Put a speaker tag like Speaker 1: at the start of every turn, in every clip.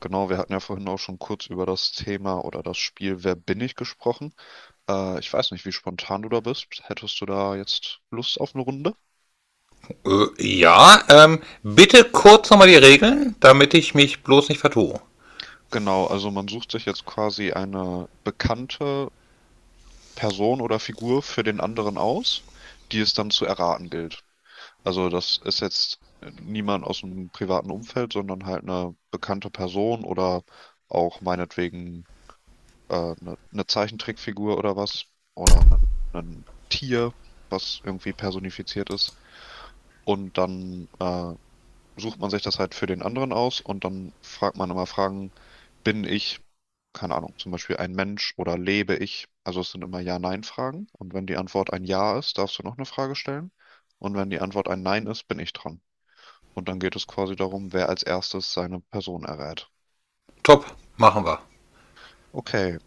Speaker 1: Genau, wir hatten ja vorhin auch schon kurz über das Thema oder das Spiel Wer bin ich gesprochen. Ich weiß nicht, wie spontan du da bist. Hättest du da jetzt Lust auf eine Runde?
Speaker 2: Ja, bitte kurz nochmal die Regeln, damit ich mich bloß nicht vertue.
Speaker 1: Genau, also man sucht sich jetzt quasi eine bekannte Person oder Figur für den anderen aus, die es dann zu erraten gilt. Also das ist jetzt niemand aus dem privaten Umfeld, sondern halt eine bekannte Person oder auch meinetwegen eine Zeichentrickfigur oder was oder ein Tier, was irgendwie personifiziert ist. Und dann sucht man sich das halt für den anderen aus und dann fragt man immer Fragen, bin ich, keine Ahnung, zum Beispiel ein Mensch oder lebe ich? Also es sind immer Ja-Nein-Fragen. Und wenn die Antwort ein Ja ist, darfst du noch eine Frage stellen. Und wenn die Antwort ein Nein ist, bin ich dran. Und dann geht es quasi darum, wer als erstes seine Person errät.
Speaker 2: Top, machen wir.
Speaker 1: Okay.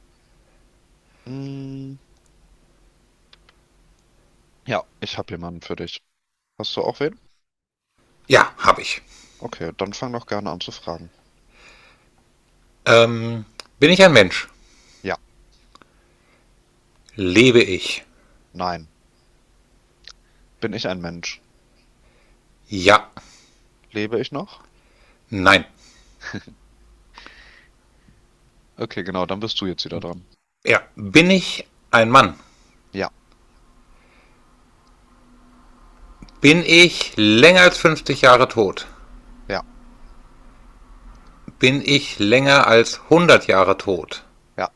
Speaker 1: Mm, ja, ich habe jemanden für dich. Hast du auch wen?
Speaker 2: Ja, habe ich.
Speaker 1: Okay, dann fang doch gerne an zu fragen.
Speaker 2: Ähm, bin ich ein Mensch?
Speaker 1: Ja,
Speaker 2: Lebe ich?
Speaker 1: nein. Bin ich ein Mensch?
Speaker 2: Ja.
Speaker 1: Lebe ich noch?
Speaker 2: Nein.
Speaker 1: Okay, genau, dann bist du jetzt wieder dran.
Speaker 2: Ja. Bin ich ein Mann?
Speaker 1: Ja,
Speaker 2: Bin ich länger als 50 Jahre tot?
Speaker 1: ja,
Speaker 2: Bin ich länger als 100 Jahre tot?
Speaker 1: ja,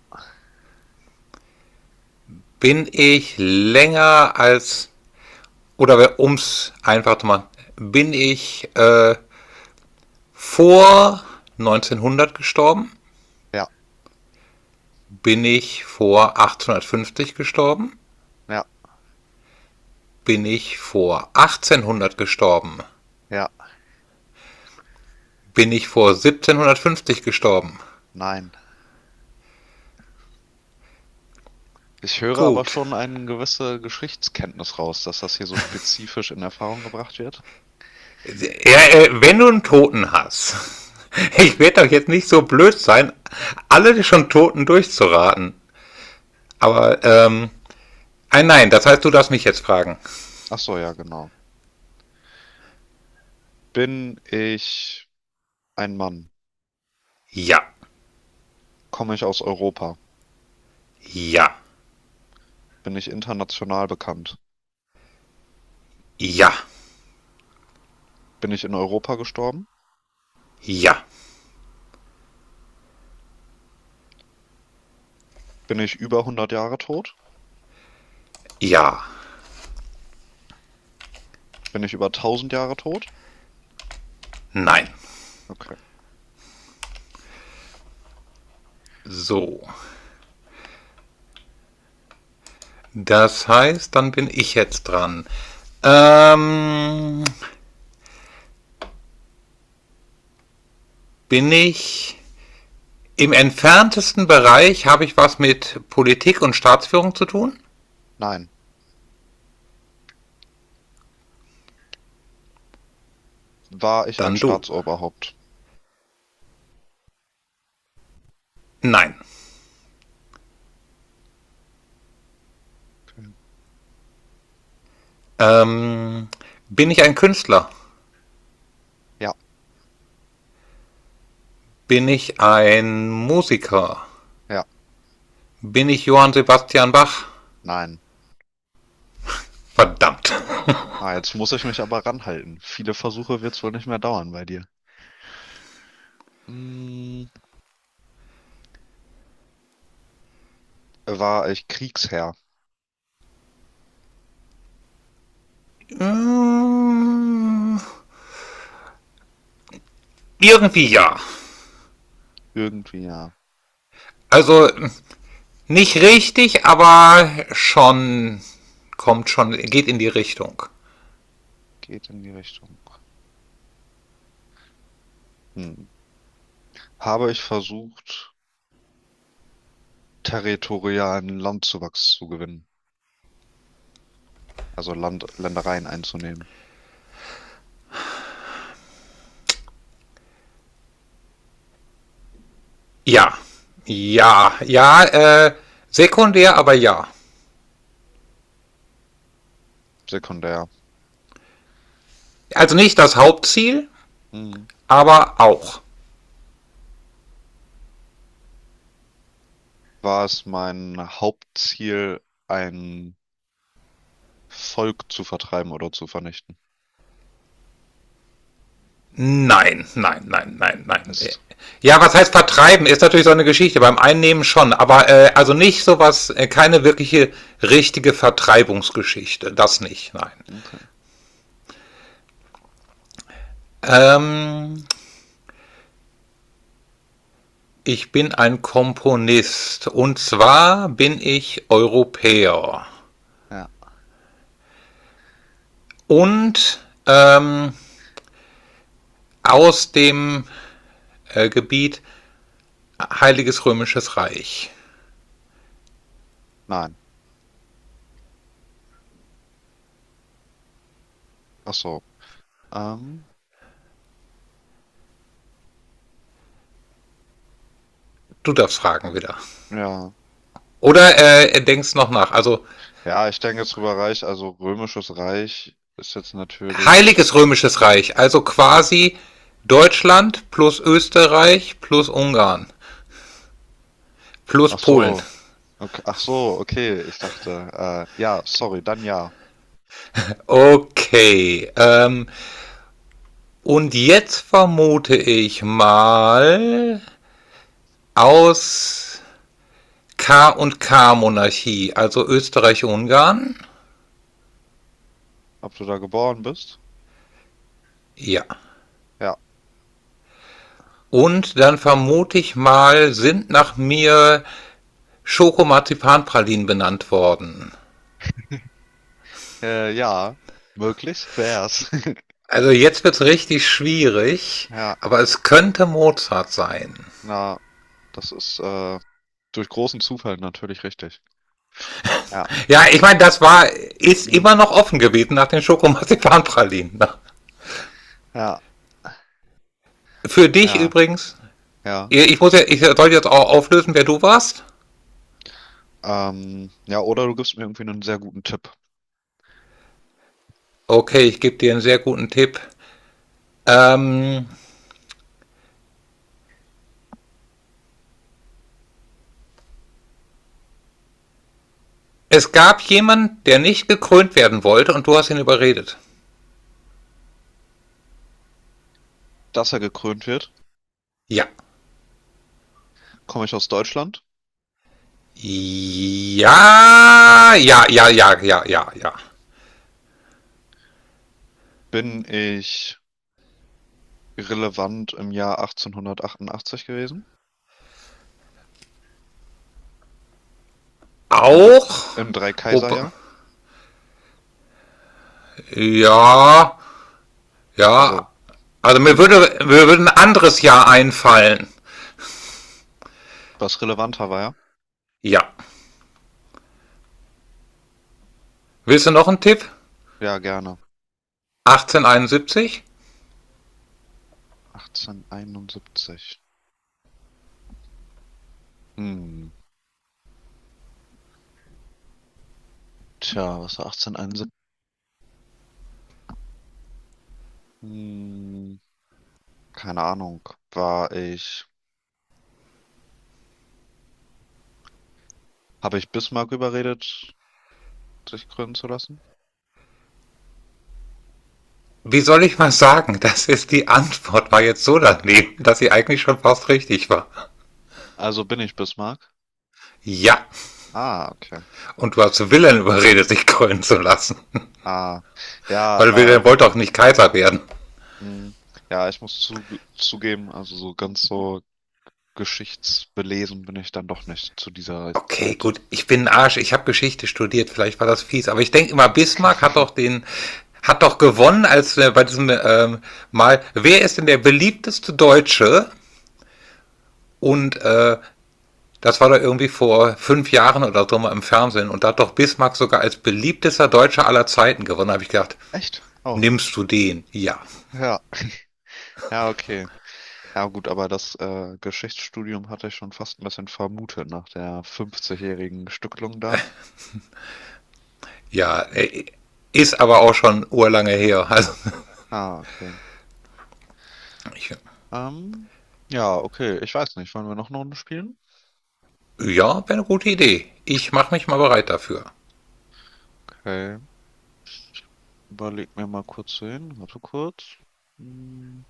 Speaker 2: Bin ich länger als, oder ums einfach zu machen, bin ich vor 1900 gestorben?
Speaker 1: ja,
Speaker 2: Bin ich vor 1850 gestorben?
Speaker 1: ja,
Speaker 2: Bin ich vor 1800 gestorben?
Speaker 1: ja,
Speaker 2: Bin ich vor 1750 gestorben?
Speaker 1: nein. Ich höre aber
Speaker 2: Gut.
Speaker 1: schon eine gewisse Geschichtskenntnis raus, dass das hier so spezifisch in Erfahrung gebracht wird.
Speaker 2: Ja, wenn du einen Toten hast, ich werde doch jetzt nicht so blöd sein, alle schon Toten durchzuraten. Aber, nein, nein, das heißt, du darfst mich jetzt fragen.
Speaker 1: Ach so, ja, genau. Bin ich ein Mann?
Speaker 2: Ja,
Speaker 1: Komme ich aus Europa?
Speaker 2: ja,
Speaker 1: Bin ich international bekannt?
Speaker 2: ja,
Speaker 1: Bin ich in Europa gestorben?
Speaker 2: ja,
Speaker 1: Bin ich über 100 Jahre tot?
Speaker 2: ja,
Speaker 1: Bin ich über 1000 Jahre tot?
Speaker 2: nein.
Speaker 1: Okay.
Speaker 2: So. Das heißt, dann bin ich jetzt dran. Ähm, bin ich im entferntesten Bereich, habe ich was mit Politik und Staatsführung zu tun?
Speaker 1: Nein. War ich ein
Speaker 2: Dann du.
Speaker 1: Staatsoberhaupt?
Speaker 2: Nein.
Speaker 1: Okay.
Speaker 2: Ähm, bin ich ein Künstler?
Speaker 1: Ja,
Speaker 2: Bin ich ein Musiker?
Speaker 1: ja,
Speaker 2: Bin ich Johann Sebastian Bach?
Speaker 1: nein.
Speaker 2: Verdammt.
Speaker 1: Ah, jetzt muss ich mich aber ranhalten. Viele Versuche wird es wohl nicht mehr dauern bei dir. Mm, War ich Kriegsherr?
Speaker 2: Ähm, Irgendwie ja.
Speaker 1: Irgendwie ja.
Speaker 2: Also nicht richtig, aber schon kommt schon, geht in die Richtung.
Speaker 1: Geht in die Richtung. Hm. Habe ich versucht, territorialen Landzuwachs zu gewinnen? Also Land, Ländereien einzunehmen.
Speaker 2: Ja, ja, ja, sekundär, aber ja.
Speaker 1: Sekundär.
Speaker 2: Also nicht das Hauptziel,
Speaker 1: Hm.
Speaker 2: aber auch.
Speaker 1: War es mein Hauptziel, ein Volk zu vertreiben oder zu vernichten?
Speaker 2: Nein, nein, nein, nein, nein. Äh,
Speaker 1: Mist.
Speaker 2: Ja, was heißt vertreiben? Ist natürlich so eine Geschichte, beim Einnehmen schon, aber also nicht sowas, keine wirkliche richtige Vertreibungsgeschichte, das nicht, nein.
Speaker 1: Okay.
Speaker 2: Ähm, ich bin ein Komponist und zwar bin ich Europäer
Speaker 1: Ja.
Speaker 2: und aus dem Gebiet Heiliges Römisches Reich.
Speaker 1: Nein. Ach so. Ähm,
Speaker 2: Du darfst fragen wieder.
Speaker 1: ja.
Speaker 2: Oder denkst noch nach. Also
Speaker 1: Ja, ich denke jetzt drüber Reich, also Römisches Reich ist jetzt natürlich.
Speaker 2: Heiliges Römisches Reich, also quasi Deutschland plus Österreich plus Ungarn plus
Speaker 1: Ach
Speaker 2: Polen.
Speaker 1: so, okay, ach so, okay, ich dachte, ja, sorry, dann ja.
Speaker 2: Okay. Und jetzt vermute ich mal aus K und K Monarchie, also Österreich-Ungarn.
Speaker 1: Ob du da geboren bist?
Speaker 2: Ja.
Speaker 1: Ja.
Speaker 2: Und dann vermute ich mal, sind nach mir Schokomarzipanpralinen benannt worden.
Speaker 1: Ja, möglich wär's.
Speaker 2: Also jetzt wird's richtig schwierig,
Speaker 1: Ja,
Speaker 2: aber es könnte Mozart sein.
Speaker 1: na, das ist durch großen Zufall natürlich richtig. Ja.
Speaker 2: Ja, ich meine, das war ist immer
Speaker 1: Hm,
Speaker 2: noch offen gewesen nach den Schokomarzipanpralinen.
Speaker 1: ja,
Speaker 2: Für dich
Speaker 1: ja,
Speaker 2: übrigens,
Speaker 1: ja.
Speaker 2: ich soll jetzt auch auflösen, wer du warst.
Speaker 1: Ja, oder du gibst mir irgendwie einen sehr guten Tipp.
Speaker 2: Okay, ich gebe dir einen sehr guten Tipp. Ähm, es gab jemanden, der nicht gekrönt werden wollte und du hast ihn überredet.
Speaker 1: Dass er gekrönt wird,
Speaker 2: Ja.
Speaker 1: komme ich aus Deutschland,
Speaker 2: Ja, ja, ja, ja, ja, ja, ja.
Speaker 1: bin ich relevant im Jahr 1888 gewesen, im, Dr-
Speaker 2: Auch.
Speaker 1: im
Speaker 2: Wobei-
Speaker 1: Dreikaiserjahr.
Speaker 2: Ja, ja.
Speaker 1: Also
Speaker 2: Also mir
Speaker 1: ging,
Speaker 2: würde, mir würde ein anderes Jahr einfallen.
Speaker 1: was relevanter war, ja?
Speaker 2: Ja. Willst du noch einen Tipp?
Speaker 1: Ja, gerne.
Speaker 2: 1871?
Speaker 1: 1871. Hm, tja, was war 1871? Hm, keine Ahnung. War ich, habe ich Bismarck überredet, sich krönen zu lassen?
Speaker 2: Wie soll ich mal sagen, das ist die Antwort, war jetzt so
Speaker 1: Okay.
Speaker 2: daneben, dass sie eigentlich schon fast richtig war.
Speaker 1: Also bin ich Bismarck?
Speaker 2: Ja,
Speaker 1: Ah, okay.
Speaker 2: und du hast Wilhelm überredet, sich krönen zu lassen.
Speaker 1: Ah, ja,
Speaker 2: Weil
Speaker 1: äh,
Speaker 2: Wilhelm wollte auch nicht Kaiser werden.
Speaker 1: hm, ja, ich muss zugeben, also so ganz so geschichtsbelesen bin ich dann doch nicht zu dieser
Speaker 2: Okay,
Speaker 1: Zeit.
Speaker 2: gut. Ich bin ein Arsch. Ich habe Geschichte studiert. Vielleicht war das fies. Aber ich denke immer, Bismarck hat doch gewonnen als bei diesem Mal. Wer ist denn der beliebteste Deutsche? Und das war doch irgendwie vor 5 Jahren oder so mal im Fernsehen. Und da hat doch Bismarck sogar als beliebtester Deutscher aller Zeiten gewonnen. Da habe ich gedacht,
Speaker 1: Echt? Oh,
Speaker 2: nimmst du den? Ja.
Speaker 1: ja. Ja, okay. Ja, gut, aber das Geschichtsstudium hatte ich schon fast ein bisschen vermutet nach der 50-jährigen Stückelung da.
Speaker 2: Ja. Ist aber auch schon urlange her. Also,
Speaker 1: Ah, okay.
Speaker 2: ich,
Speaker 1: Ähm, ja, okay. Ich weiß nicht. Wollen wir noch eine Runde spielen?
Speaker 2: ja, wäre eine gute Idee. Ich mache mich mal bereit dafür.
Speaker 1: Okay. Überleg mir mal kurz hin. Warte kurz. Hm.